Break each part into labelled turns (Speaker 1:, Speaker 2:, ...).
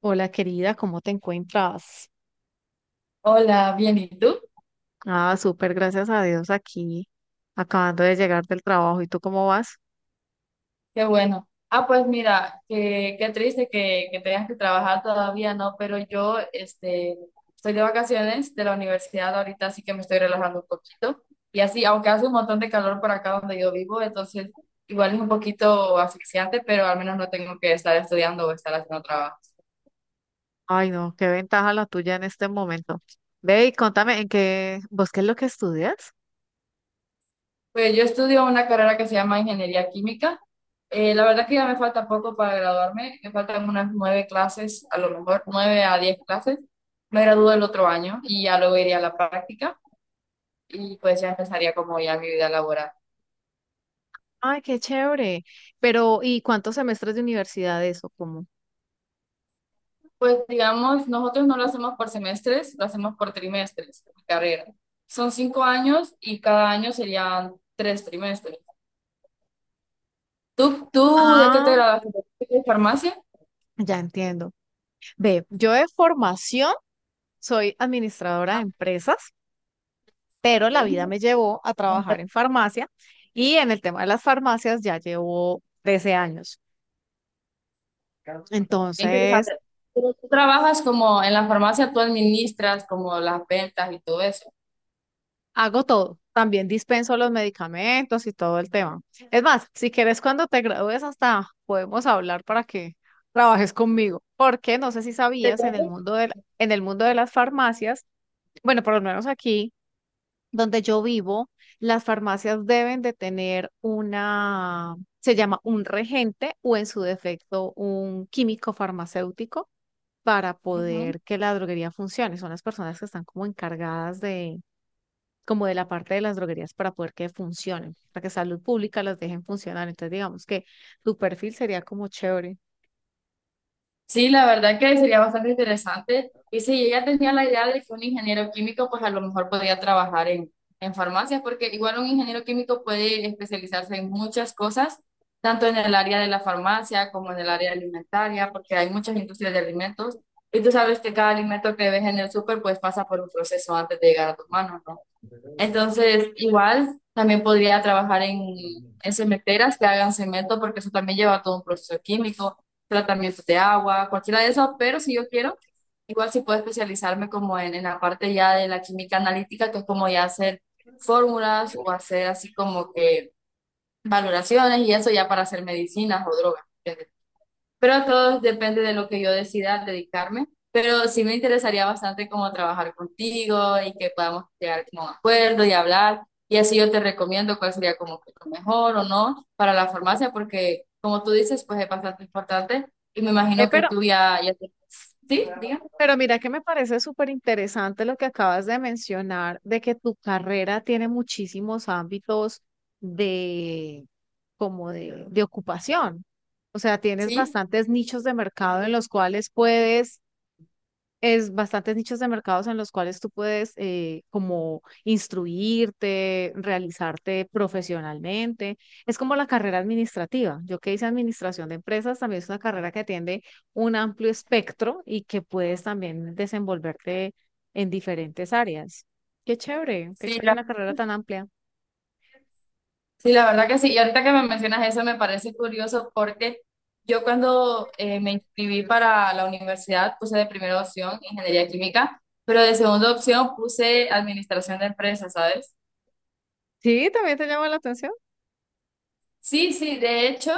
Speaker 1: Hola querida, ¿cómo te encuentras?
Speaker 2: Hola, bien, ¿y tú?
Speaker 1: Ah, súper, gracias a Dios aquí, acabando de llegar del trabajo. ¿Y tú cómo vas?
Speaker 2: Qué bueno. Ah, pues mira, qué triste que tengas que trabajar todavía, ¿no? Pero yo, estoy de vacaciones de la universidad ahorita, así que me estoy relajando un poquito. Y así, aunque hace un montón de calor por acá donde yo vivo, entonces igual es un poquito asfixiante, pero al menos no tengo que estar estudiando o estar haciendo trabajo.
Speaker 1: Ay, no, qué ventaja la tuya en este momento. Ve y contame, vos qué es lo que estudias?
Speaker 2: Pues yo estudio una carrera que se llama Ingeniería Química. La verdad que ya me falta poco para graduarme, me faltan unas nueve clases, a lo mejor nueve a diez clases. Me gradúo el otro año y ya luego iría a la práctica y pues ya empezaría como ya mi vida laboral.
Speaker 1: Ay, qué chévere. Pero, ¿y cuántos semestres de universidad eso? ¿Cómo?
Speaker 2: Pues digamos, nosotros no lo hacemos por semestres, lo hacemos por trimestres, mi carrera. Son 5 años y cada año serían 3 trimestres. ¿Tú de qué te
Speaker 1: Ah,
Speaker 2: graduaste? ¿De farmacia?
Speaker 1: ya entiendo. Ve, yo de formación soy administradora de
Speaker 2: Ah,
Speaker 1: empresas, pero la vida me llevó a trabajar
Speaker 2: ok.
Speaker 1: en farmacia y en el tema de las farmacias ya llevo 13 años.
Speaker 2: Qué
Speaker 1: Entonces,
Speaker 2: interesante. Pero tú trabajas como en la farmacia, tú administras como las ventas y todo eso.
Speaker 1: hago todo. También dispenso los medicamentos y todo el tema. Es más, si quieres, cuando te gradúes, hasta podemos hablar para que trabajes conmigo. Porque no sé si
Speaker 2: Te
Speaker 1: sabías, en el
Speaker 2: cuento.
Speaker 1: mundo en el mundo de las farmacias, bueno, por lo menos aquí donde yo vivo, las farmacias deben de tener una, se llama un regente o en su defecto un químico farmacéutico para
Speaker 2: Ujú.
Speaker 1: poder que la droguería funcione. Son las personas que están como encargadas de como de la parte de las droguerías para poder que funcionen, para que salud pública las dejen funcionar. Entonces, digamos que tu perfil sería como chévere.
Speaker 2: Sí, la verdad que sería bastante interesante. Y sí, ella tenía la idea de que un ingeniero químico, pues a lo mejor podía trabajar en farmacias, porque igual un ingeniero químico puede especializarse en muchas cosas, tanto en el área de la farmacia como en el área alimentaria, porque hay muchas industrias de alimentos. Y tú sabes que cada alimento que ves en el súper, pues pasa por un proceso antes de llegar a tus manos, ¿no? Entonces, igual también podría trabajar en cementeras que hagan cemento, porque eso también lleva todo un proceso químico, tratamiento de agua, cualquiera de eso, pero si yo quiero, igual sí puedo especializarme como en la parte ya de la química analítica, que es como ya hacer fórmulas o hacer así como que valoraciones y eso ya para hacer medicinas o drogas. Pero todo depende de lo que yo decida dedicarme. Pero sí me interesaría bastante como trabajar contigo y que podamos llegar como a un acuerdo y hablar. Y así yo te recomiendo cuál sería como que lo mejor o no para la farmacia, porque como tú dices, pues es bastante importante. Y me
Speaker 1: Eh,
Speaker 2: imagino que
Speaker 1: pero,
Speaker 2: tú ya, ya te... Sí, diga.
Speaker 1: pero mira que me parece súper interesante lo que acabas de mencionar, de que tu carrera tiene muchísimos ámbitos de, como de ocupación. O sea, tienes
Speaker 2: Sí,
Speaker 1: bastantes nichos de mercado en los cuales puedes es bastantes nichos de mercados en los cuales tú puedes como instruirte, realizarte profesionalmente. Es como la carrera administrativa. Yo que hice administración de empresas, también es una carrera que atiende un amplio espectro y que puedes también desenvolverte en diferentes áreas. Qué
Speaker 2: sí,
Speaker 1: chévere una carrera
Speaker 2: gracias.
Speaker 1: tan amplia.
Speaker 2: Sí, la verdad que sí. Y ahorita que me mencionas eso me parece curioso porque yo cuando me inscribí para la universidad puse de primera opción ingeniería química, pero de segunda opción puse administración de empresas, ¿sabes?
Speaker 1: Sí, también te llama la atención.
Speaker 2: Sí, sí, de hecho,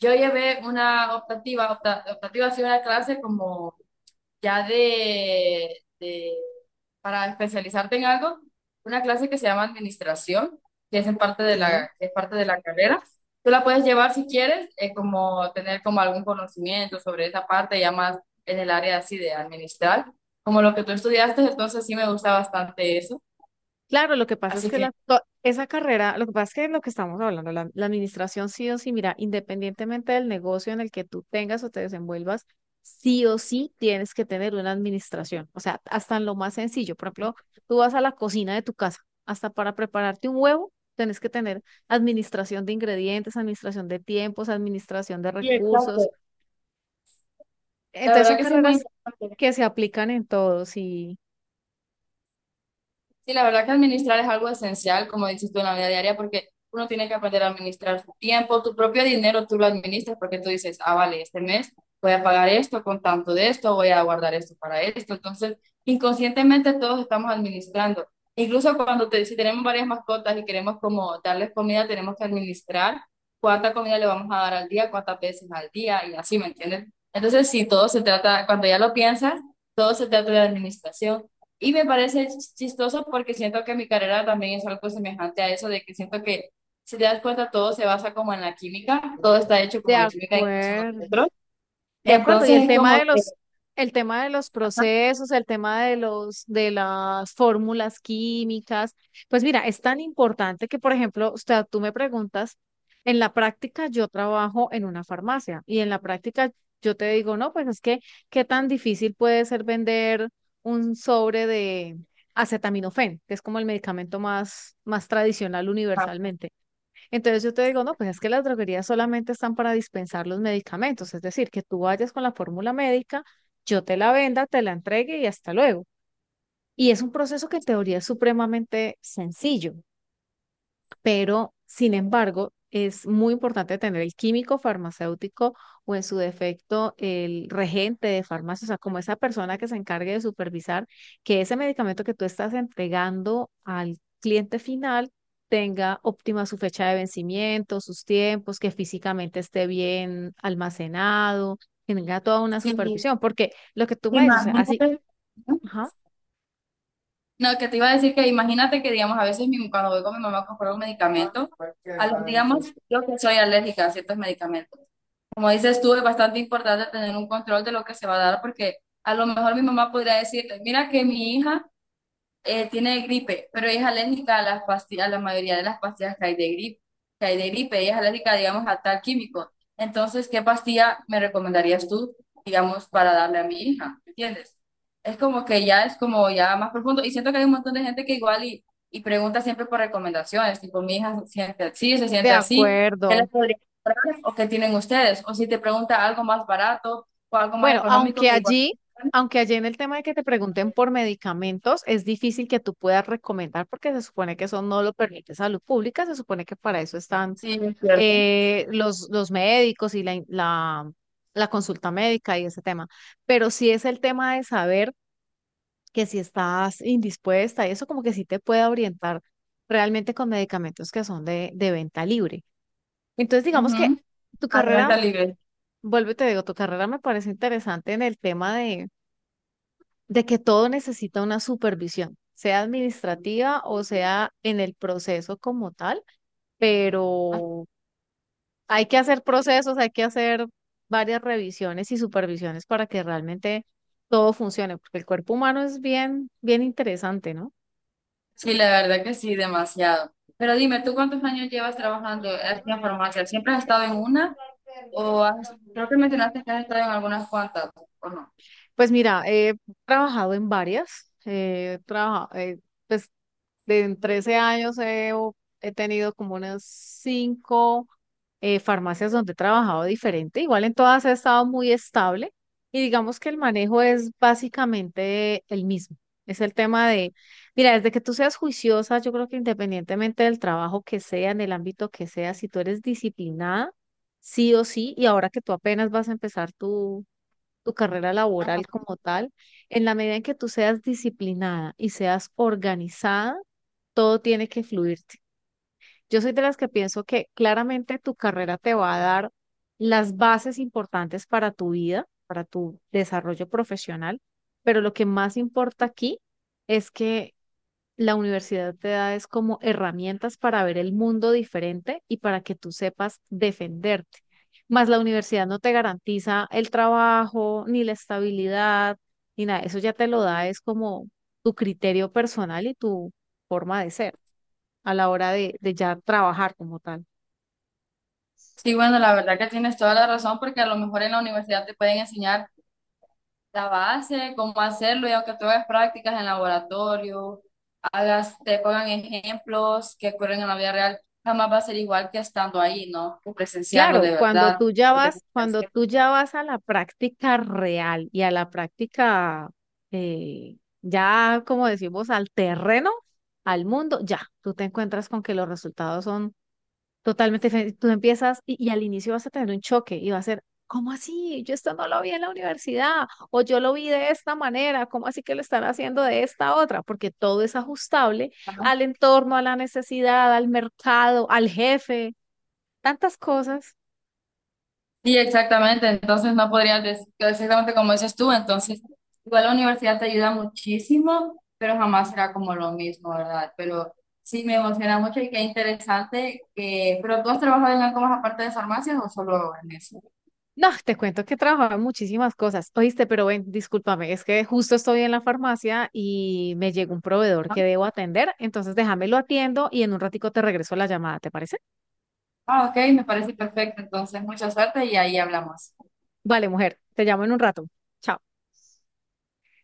Speaker 2: yo llevé una optativa, optativa ha sido una clase como ya de para especializarte en algo, una clase que se llama administración, que es en parte de
Speaker 1: Sí.
Speaker 2: que es parte de la carrera. Tú la puedes llevar si quieres, como tener como algún conocimiento sobre esa parte, ya más en el área así de administrar, como lo que tú estudiaste, entonces sí me gusta bastante eso.
Speaker 1: Claro, lo que pasa es
Speaker 2: Así
Speaker 1: que
Speaker 2: que...
Speaker 1: esa carrera, lo que pasa es que es lo que estamos hablando, la administración sí o sí, mira, independientemente del negocio en el que tú tengas o te desenvuelvas, sí o sí tienes que tener una administración. O sea, hasta en lo más sencillo. Por ejemplo, tú vas a la cocina de tu casa, hasta para prepararte un huevo, tienes que tener administración de ingredientes, administración de tiempos, administración de
Speaker 2: Sí,
Speaker 1: recursos.
Speaker 2: exacto. La
Speaker 1: Entonces son
Speaker 2: verdad que sí es muy
Speaker 1: carreras
Speaker 2: importante.
Speaker 1: que se aplican en todos y
Speaker 2: Sí, la verdad que administrar es algo esencial, como dices tú, en la vida diaria, porque uno tiene que aprender a administrar su tiempo, tu propio dinero tú lo administras porque tú dices, ah, vale, este mes voy a pagar esto con tanto de esto, voy a guardar esto para esto. Entonces, inconscientemente todos estamos administrando. Incluso cuando te, si tenemos varias mascotas y queremos como darles comida, tenemos que administrar cuánta comida le vamos a dar al día, cuántas veces al día y así, ¿me entiendes? Entonces, sí, todo se trata, cuando ya lo piensas, todo se trata de administración. Y me parece chistoso porque siento que mi carrera también es algo semejante a eso, de que siento que, si te das cuenta, todo se basa como en la química, todo está hecho
Speaker 1: de
Speaker 2: como de química, incluso
Speaker 1: acuerdo.
Speaker 2: nosotros.
Speaker 1: De acuerdo, y el
Speaker 2: Entonces es
Speaker 1: tema
Speaker 2: como
Speaker 1: de
Speaker 2: que,
Speaker 1: los, el tema de los
Speaker 2: ajá,
Speaker 1: procesos, el tema de los, de las fórmulas químicas, pues mira, es tan importante que, por ejemplo, o sea, tú me preguntas, en la práctica yo trabajo en una farmacia y en la práctica yo te digo, no, pues es que, ¿qué tan difícil puede ser vender un sobre de acetaminofén, que es como el medicamento más, más tradicional
Speaker 2: ajá,
Speaker 1: universalmente? Entonces yo te digo, no, pues es que las droguerías solamente están para dispensar los medicamentos, es decir, que tú vayas con la fórmula médica, yo te la venda, te la entregue y hasta luego. Y es un proceso que en teoría es supremamente sencillo, pero sin embargo, es muy importante tener el químico farmacéutico o en su defecto el regente de farmacia, o sea, como esa persona que se encargue de supervisar que ese medicamento que tú estás entregando al cliente final tenga óptima su fecha de vencimiento, sus tiempos, que físicamente esté bien almacenado, que tenga toda una
Speaker 2: sí,
Speaker 1: supervisión, porque lo que tú me dices, o sea, así,
Speaker 2: imagínate, ¿no?
Speaker 1: ajá.
Speaker 2: No, que te iba a decir que imagínate que, digamos, a veces cuando voy con mi mamá a comprar un medicamento, digamos, yo que soy alérgica a ciertos medicamentos. Como dices tú, es bastante importante tener un control de lo que se va a dar porque a lo mejor mi mamá podría decirte, mira que mi hija tiene gripe, pero ella es alérgica a las pastillas, a la mayoría de las pastillas que hay de gripe, ella es alérgica, digamos, a tal químico. Entonces, ¿qué pastilla me recomendarías tú, digamos, para darle a mi hija? ¿Me ¿Entiendes? Es como que ya es como ya más profundo y siento que hay un montón de gente que igual y pregunta siempre por recomendaciones, tipo, mi hija se
Speaker 1: De
Speaker 2: siente así, ¿qué les
Speaker 1: acuerdo.
Speaker 2: podría comprar o qué tienen ustedes? O si te pregunta algo más barato o algo más
Speaker 1: Bueno,
Speaker 2: económico que igual.
Speaker 1: aunque allí en el tema de que te pregunten por medicamentos, es difícil que tú puedas recomendar porque se supone que eso no lo permite salud pública, se supone que para eso están
Speaker 2: Sí, es cierto.
Speaker 1: los médicos y la consulta médica y ese tema. Pero sí es el tema de saber que si estás indispuesta y eso como que sí te puede orientar realmente con medicamentos que son de venta libre. Entonces digamos que
Speaker 2: Ujú.
Speaker 1: tu carrera,
Speaker 2: Alimenta libre.
Speaker 1: vuelvo y te digo, tu carrera me parece interesante en el tema de que todo necesita una supervisión, sea administrativa o sea en el proceso como tal, pero hay que hacer procesos, hay que hacer varias revisiones y supervisiones para que realmente todo funcione, porque el cuerpo humano es bien, bien interesante, ¿no?
Speaker 2: Sí, la verdad que sí, demasiado. Pero dime, ¿tú cuántos años llevas trabajando en la farmacia? ¿Siempre has estado en una o has, creo que mencionaste que has estado en algunas cuantas, ¿o no?
Speaker 1: Pues mira, he trabajado en varias, pues de en 13 años he tenido como unas 5 farmacias donde he trabajado diferente. Igual en todas he estado muy estable y digamos que el manejo es básicamente el mismo. Es el tema de, mira, desde que tú seas juiciosa, yo creo que independientemente del trabajo que sea, en el ámbito que sea, si tú eres disciplinada, sí o sí, y ahora que tú apenas vas a empezar tu carrera laboral como tal, en la medida en que tú seas disciplinada y seas organizada, todo tiene que fluir. Yo soy de las que pienso que claramente tu carrera te va a dar las bases importantes para tu vida, para tu desarrollo profesional, pero lo que más importa aquí es que la universidad te da es como herramientas para ver el mundo diferente y para que tú sepas defenderte. Más la universidad no te garantiza el trabajo, ni la estabilidad, ni nada. Eso ya te lo da es como tu criterio personal y tu forma de ser a la hora de ya trabajar como tal.
Speaker 2: Sí, bueno, la verdad que tienes toda la razón porque a lo mejor en la universidad te pueden enseñar la base, cómo hacerlo y aunque tú hagas prácticas en laboratorio, hagas, te pongan ejemplos que ocurren en la vida real, jamás va a ser igual que estando ahí, ¿no? Que presenciarlo de
Speaker 1: Claro, cuando
Speaker 2: verdad.
Speaker 1: tú ya
Speaker 2: Lo tenés
Speaker 1: vas,
Speaker 2: que
Speaker 1: cuando
Speaker 2: hacer.
Speaker 1: tú ya vas a la práctica real y a la práctica, ya como decimos, al terreno, al mundo, ya, tú te encuentras con que los resultados son totalmente diferente. Tú empiezas y al inicio vas a tener un choque y va a ser, ¿cómo así? Yo esto no lo vi en la universidad o yo lo vi de esta manera, ¿cómo así que lo están haciendo de esta otra? Porque todo es ajustable al entorno, a la necesidad, al mercado, al jefe, tantas cosas.
Speaker 2: Sí, exactamente. Entonces no podrías decir exactamente como dices tú. Entonces, igual la universidad te ayuda muchísimo, pero jamás será como lo mismo, ¿verdad? Pero sí me emociona mucho y qué interesante que, pero tú has trabajado en algo más aparte de farmacias o solo en eso,
Speaker 1: No, te cuento que trabajaba en muchísimas cosas. Oíste, pero ven, discúlpame, es que justo estoy en la farmacia y me llegó un proveedor
Speaker 2: ¿no?
Speaker 1: que debo atender, entonces déjame lo atiendo y en un ratico te regreso la llamada, ¿te parece?
Speaker 2: Ah, ok, me parece perfecto. Entonces, mucha suerte y ahí hablamos.
Speaker 1: Vale, mujer, te llamo en un rato. Chao.